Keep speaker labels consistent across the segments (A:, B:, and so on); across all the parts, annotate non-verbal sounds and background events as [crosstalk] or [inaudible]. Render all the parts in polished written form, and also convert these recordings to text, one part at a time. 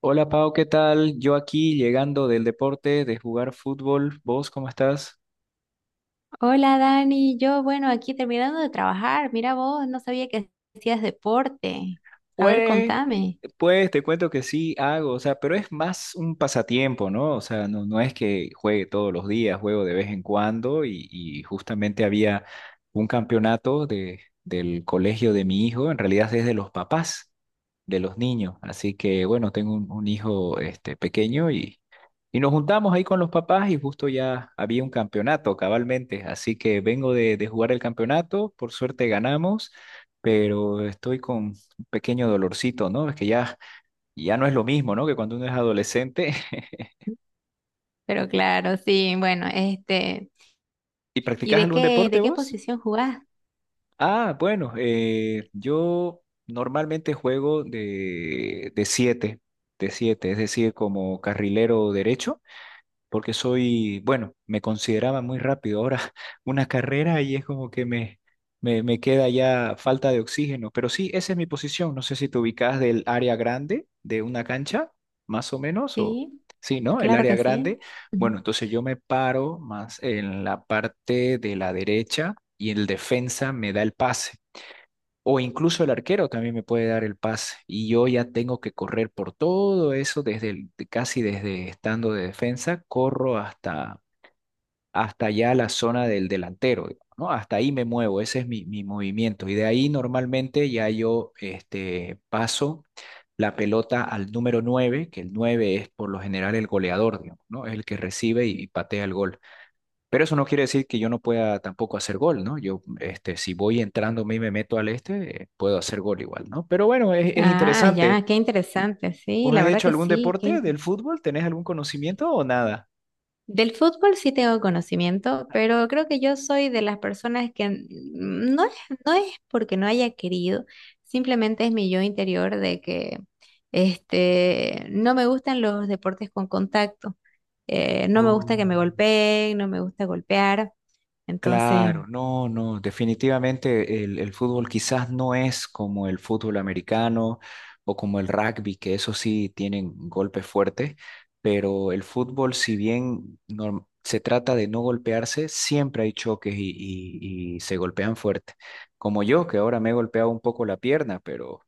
A: Hola Pau, ¿qué tal? Yo aquí llegando del deporte, de jugar fútbol. ¿Vos cómo estás?
B: Hola Dani, yo bueno, aquí terminando de trabajar, mira vos, no sabía que hacías deporte. A ver,
A: Pues,
B: contame.
A: pues te cuento que sí hago, o sea, pero es más un pasatiempo, ¿no? O sea, no, no es que juegue todos los días, juego de vez en cuando y justamente había un campeonato del colegio de mi hijo, en realidad es de los papás de los niños, así que bueno, tengo un hijo este, pequeño y nos juntamos ahí con los papás y justo ya había un campeonato cabalmente, así que vengo de jugar el campeonato, por suerte ganamos, pero estoy con pequeño dolorcito, ¿no? Es que ya, ya no es lo mismo, ¿no? Que cuando uno es adolescente. [laughs]
B: Pero
A: ¿Y,
B: claro, sí, bueno,
A: y
B: ¿y
A: practicas
B: de
A: algún
B: qué,
A: deporte
B: de qué
A: vos?
B: posición jugás?
A: Ah, bueno, yo normalmente juego de siete, es decir, como carrilero derecho. Porque soy, bueno, me consideraba muy rápido. Ahora [laughs] una carrera y es como que me queda ya falta de oxígeno. Pero sí, esa es mi posición. No sé si te ubicas del área grande de una cancha, más o menos, o
B: Sí,
A: sí, ¿no? El
B: claro
A: área
B: que
A: grande.
B: sí. Ujú.
A: Bueno, entonces yo me paro más en la parte de la derecha y el defensa me da el pase. O incluso el arquero también me puede dar el pase y yo ya tengo que correr por todo eso desde casi desde estando de defensa, corro hasta ya la zona del delantero, digamos, ¿no? Hasta ahí me muevo, ese es mi movimiento y de ahí normalmente ya yo este paso la pelota al número nueve, que el 9 es por lo general el goleador, digamos, ¿no? Es el que recibe y patea el gol. Pero eso no quiere decir que yo no pueda tampoco hacer gol, ¿no? Yo, este, si voy entrando y me meto al este, puedo hacer gol igual, ¿no? Pero bueno, es
B: Ah,
A: interesante.
B: ya, qué interesante, sí,
A: ¿Vos
B: la
A: has
B: verdad
A: hecho
B: que
A: algún
B: sí, qué
A: deporte del fútbol? ¿Tenés algún conocimiento o nada?
B: Del fútbol sí tengo conocimiento, pero creo que yo soy de las personas que no es, no es porque no haya querido, simplemente es mi yo interior de que no me gustan los deportes con contacto. No me
A: Oh.
B: gusta que me golpeen, no me gusta golpear, entonces.
A: Claro, no, no, definitivamente el fútbol quizás no es como el fútbol americano o como el rugby, que eso sí tienen golpes fuertes, pero el fútbol, si bien se trata de no golpearse, siempre hay choques y se golpean fuerte. Como yo, que ahora me he golpeado un poco la pierna, pero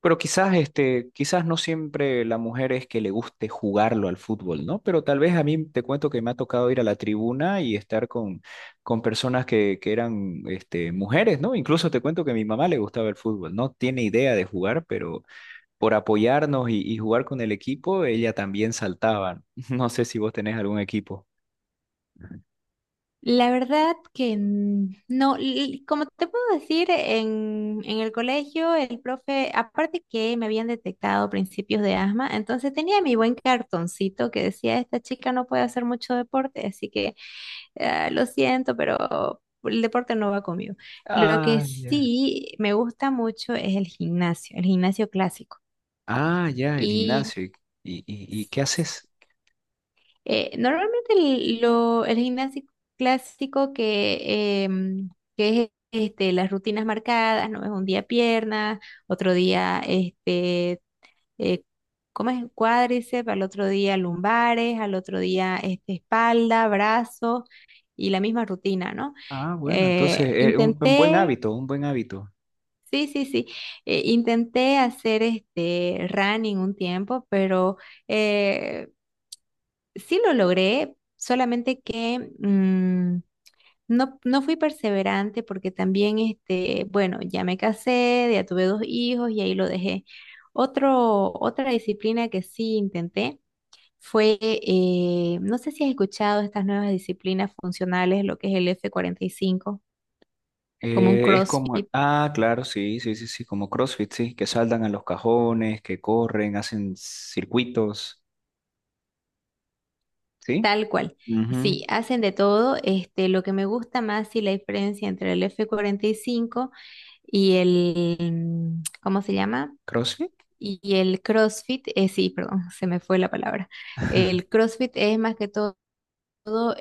A: quizás, este, quizás no siempre la mujer es que le guste jugarlo al fútbol, ¿no? Pero tal vez a mí te cuento que me ha tocado ir a la tribuna y estar con personas que eran, este, mujeres, ¿no? Incluso te cuento que a mi mamá le gustaba el fútbol, no tiene idea de jugar, pero por apoyarnos y jugar con el equipo, ella también saltaba. [laughs] No sé si vos tenés algún equipo.
B: La verdad que no, como te puedo decir, en el colegio el profe, aparte que me habían detectado principios de asma, entonces tenía mi buen cartoncito que decía, esta chica no puede hacer mucho deporte, así que ah, lo siento, pero el deporte no va conmigo. Lo que
A: Ah, ya.
B: sí me gusta mucho es el gimnasio clásico.
A: Ah, ya, el gimnasio. ¿Y qué haces?
B: Normalmente el gimnasio clásico que es las rutinas marcadas, ¿no? Es un día piernas, otro día eh, ¿cómo es? Cuádriceps, al otro día lumbares, al otro día espalda, brazos y la misma rutina, ¿no?
A: Ah, bueno,
B: Eh,
A: entonces, un buen
B: intenté,
A: hábito, un buen hábito.
B: sí, sí, sí, intenté hacer este running un tiempo, pero. eh, Sí lo logré, solamente que no fui perseverante porque también, bueno, ya me casé, ya tuve dos hijos y ahí lo dejé. Otra disciplina que sí intenté fue, no sé si has escuchado estas nuevas disciplinas funcionales, lo que es el F45 como un
A: Es como,
B: CrossFit,
A: ah, claro, sí, sí, sí, sí, como CrossFit, sí, que saltan a los cajones, que corren, hacen circuitos, ¿sí?
B: tal cual.
A: Ujú.
B: Sí, hacen de todo. Lo que me gusta más y la diferencia entre el F45 y cinco y el, ¿cómo se llama?
A: ¿CrossFit?
B: Y el CrossFit, sí, perdón, [laughs] se me fue la palabra. El CrossFit es más que todo,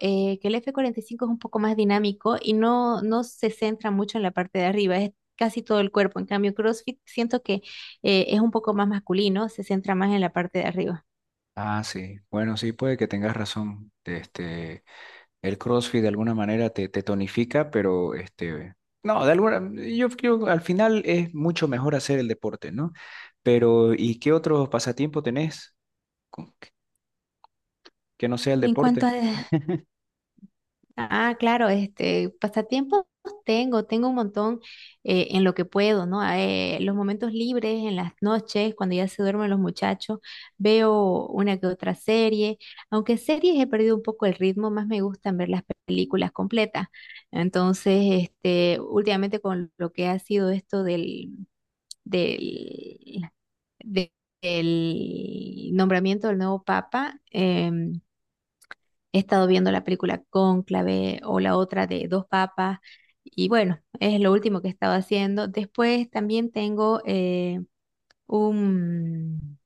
B: que el F45 es un poco más dinámico y no se centra mucho en la parte de arriba, es casi todo el cuerpo. En cambio, CrossFit siento que es un poco más masculino, se centra más en la parte de arriba.
A: Ah, sí. Bueno, sí, puede que tengas razón. Este, el CrossFit de alguna manera te tonifica, pero este, no, de alguna, yo al final es mucho mejor hacer el deporte, ¿no? Pero, ¿y qué otros pasatiempos tenés con- que que no sea el
B: En cuanto
A: deporte?
B: a Ah, claro, pasatiempos tengo un montón, en lo que puedo, ¿no? Los momentos libres, en las noches, cuando ya se duermen los muchachos, veo una que otra serie, aunque series he perdido un poco el ritmo, más me gustan ver las películas completas. Entonces, últimamente con lo que ha sido esto del, de- del nombramiento del nuevo papa, he estado viendo la película Cónclave o la otra de Dos Papas y bueno, es lo último que he estado haciendo. Después también tengo, un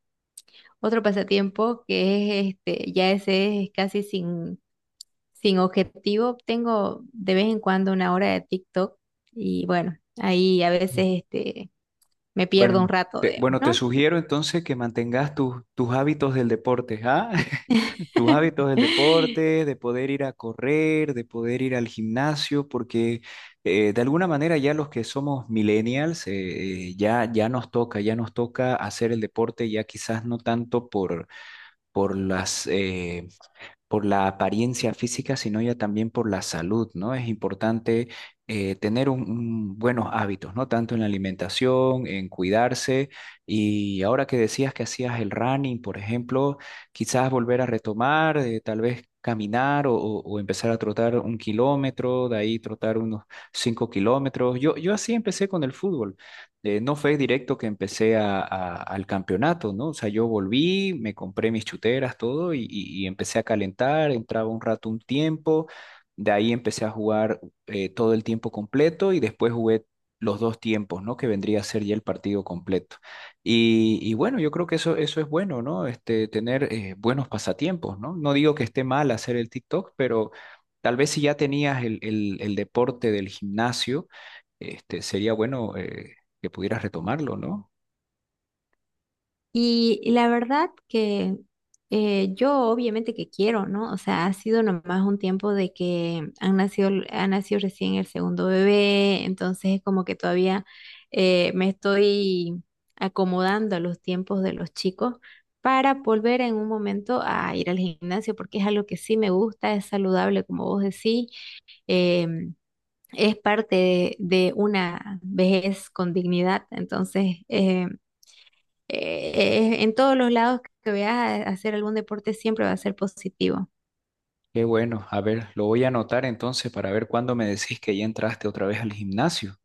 B: otro pasatiempo que es ya ese es casi sin objetivo. Tengo de vez en cuando una hora de TikTok y bueno, ahí a veces me pierdo un
A: Bueno,
B: rato, digamos,
A: te
B: ¿no?
A: sugiero entonces que mantengas tus hábitos del deporte, ¿ah? [laughs] Tus hábitos del
B: [laughs]
A: deporte, de poder ir a correr, de poder ir al gimnasio, porque de alguna manera ya los que somos millennials, ya, ya nos toca hacer el deporte, ya quizás no tanto por, por las, eh, por la apariencia física, sino ya también por la salud, ¿no? Es importante tener un buenos hábitos, ¿no? Tanto en la alimentación, en cuidarse. Y ahora que decías que hacías el running, por ejemplo, quizás volver a retomar, tal vez caminar o empezar a trotar un kilómetro, de ahí trotar unos 5 kilómetros. Yo así empecé con el fútbol, no fue directo que empecé al campeonato, ¿no? O sea, yo volví, me compré mis chuteras, todo, y empecé a calentar, entraba un rato un tiempo, de ahí empecé a jugar todo el tiempo completo y después jugué los dos tiempos, ¿no? Que vendría a ser ya el partido completo. Y bueno, yo creo que eso es bueno, ¿no? Este, tener buenos pasatiempos, ¿no? No digo que esté mal hacer el TikTok, pero tal vez si ya tenías el deporte del gimnasio, este, sería bueno que pudieras retomarlo, ¿no?
B: Y la verdad que, yo obviamente que quiero, ¿no? O sea, ha sido nomás un tiempo de que ha nacido recién el segundo bebé, entonces es como que todavía, me estoy acomodando a los tiempos de los chicos para volver en un momento a ir al gimnasio, porque es algo que sí me gusta, es saludable, como vos decís, em, es parte de una vejez con dignidad, entonces en todos los lados que veas a hacer algún deporte siempre va a ser positivo.
A: Qué bueno, a ver, lo voy a anotar entonces para ver cuándo me decís que ya entraste otra vez al gimnasio.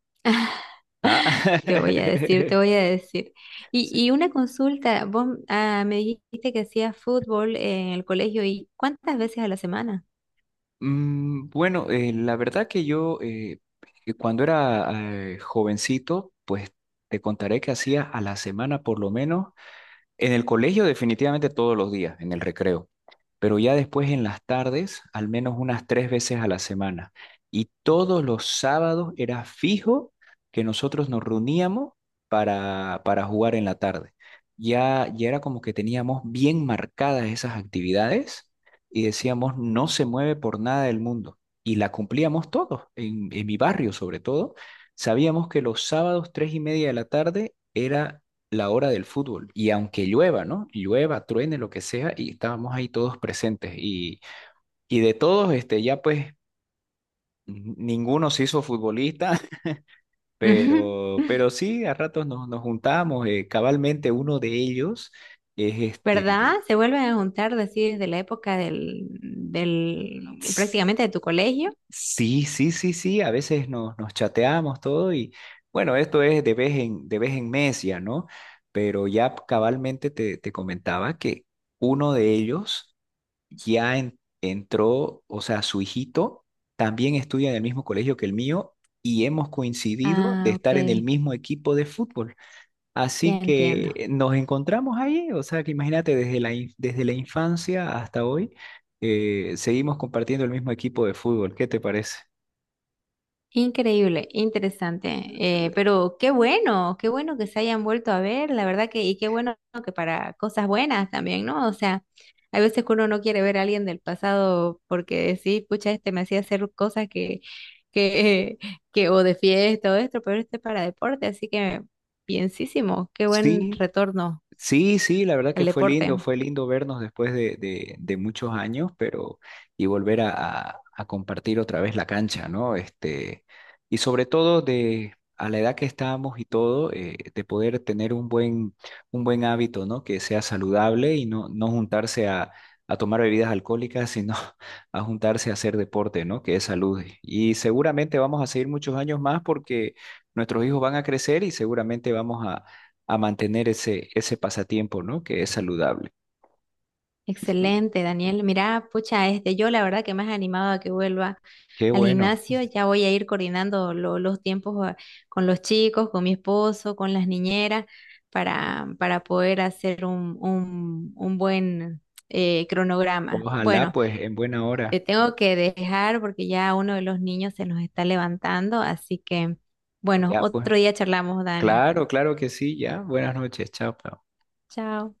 A: Ah,
B: [laughs] Te voy a decir, te
A: [laughs]
B: voy a decir. Y,
A: sí.
B: y una consulta, vos me dijiste que hacías fútbol en el colegio y ¿cuántas veces a la semana?
A: Mm, bueno, la verdad que yo que cuando era jovencito, pues te contaré que hacía a la semana por lo menos. En el colegio definitivamente todos los días, en el recreo, pero ya después en las tardes, al menos unas 3 veces a la semana. Y todos los sábados era fijo que nosotros nos reuníamos para jugar en la tarde. Ya, ya era como que teníamos bien marcadas esas actividades y decíamos, no se mueve por nada del mundo. Y la cumplíamos todos, en mi barrio sobre todo. Sabíamos que los sábados, 3:30 de la tarde, era la hora del fútbol. Y aunque llueva, ¿no? Llueva, truene, lo que sea, y estábamos ahí todos presentes. Y de todos, este, ya pues ninguno se hizo futbolista, [laughs]
B: Ujú.
A: pero,
B: [laughs]
A: pero sí, a ratos nos juntamos. Cabalmente uno de ellos es
B: ¿Verdad?
A: este...
B: Se vuelven a juntar, decir, de la época
A: s-
B: prácticamente de tu colegio.
A: Sí, sí, sí, sí, a veces nos chateamos todo y bueno, esto es de vez en mes ya, ¿no? Pero ya cabalmente te comentaba que uno de ellos ya entró, o sea, su hijito también estudia en el mismo colegio que el mío y hemos coincidido de
B: Ah, ok,
A: estar en el mismo equipo de fútbol.
B: ya
A: Así
B: entiendo.
A: que nos encontramos ahí, o sea, que imagínate, desde desde la infancia hasta hoy, seguimos compartiendo el mismo equipo de fútbol. ¿Qué te parece?
B: Increíble, interesante. Pero qué bueno que se hayan vuelto a ver, la verdad que, y qué bueno que para cosas buenas también, ¿no? O sea, hay veces que uno no quiere ver a alguien del pasado porque sí, pucha, este me hacía hacer cosas que, [laughs] que, o de fiesta o esto, pero para deporte, así que bienísimo, qué buen
A: Sí,
B: retorno
A: sí, sí, la verdad
B: al
A: que
B: deporte.
A: fue lindo vernos después de muchos años, pero y volver a compartir otra vez la cancha, ¿no? Este, y sobre todo de a la edad que estábamos y todo, de poder tener un buen hábito, ¿no? Que sea saludable y no, no juntarse a tomar bebidas alcohólicas, sino [laughs] a juntarse a hacer deporte, ¿no? Que es salud. Y seguramente vamos a seguir muchos años más porque nuestros hijos van a crecer y seguramente vamos a mantener ese pasatiempo, ¿no? Que es saludable.
B: Excelente, Daniel. Mira, pucha, yo la verdad que me has animado a que vuelva
A: Qué
B: al
A: bueno.
B: gimnasio. Ya voy a ir coordinando los tiempos, con los chicos, con mi esposo, con las niñeras, para poder hacer un buen, cronograma.
A: Ojalá,
B: Bueno,
A: pues, en buena
B: te
A: hora.
B: tengo que dejar porque ya uno de los niños se nos está levantando, así que, bueno,
A: Ya, pues.
B: otro día charlamos, Dani.
A: Claro, claro que sí, ya. Buenas noches, chao.
B: Chao.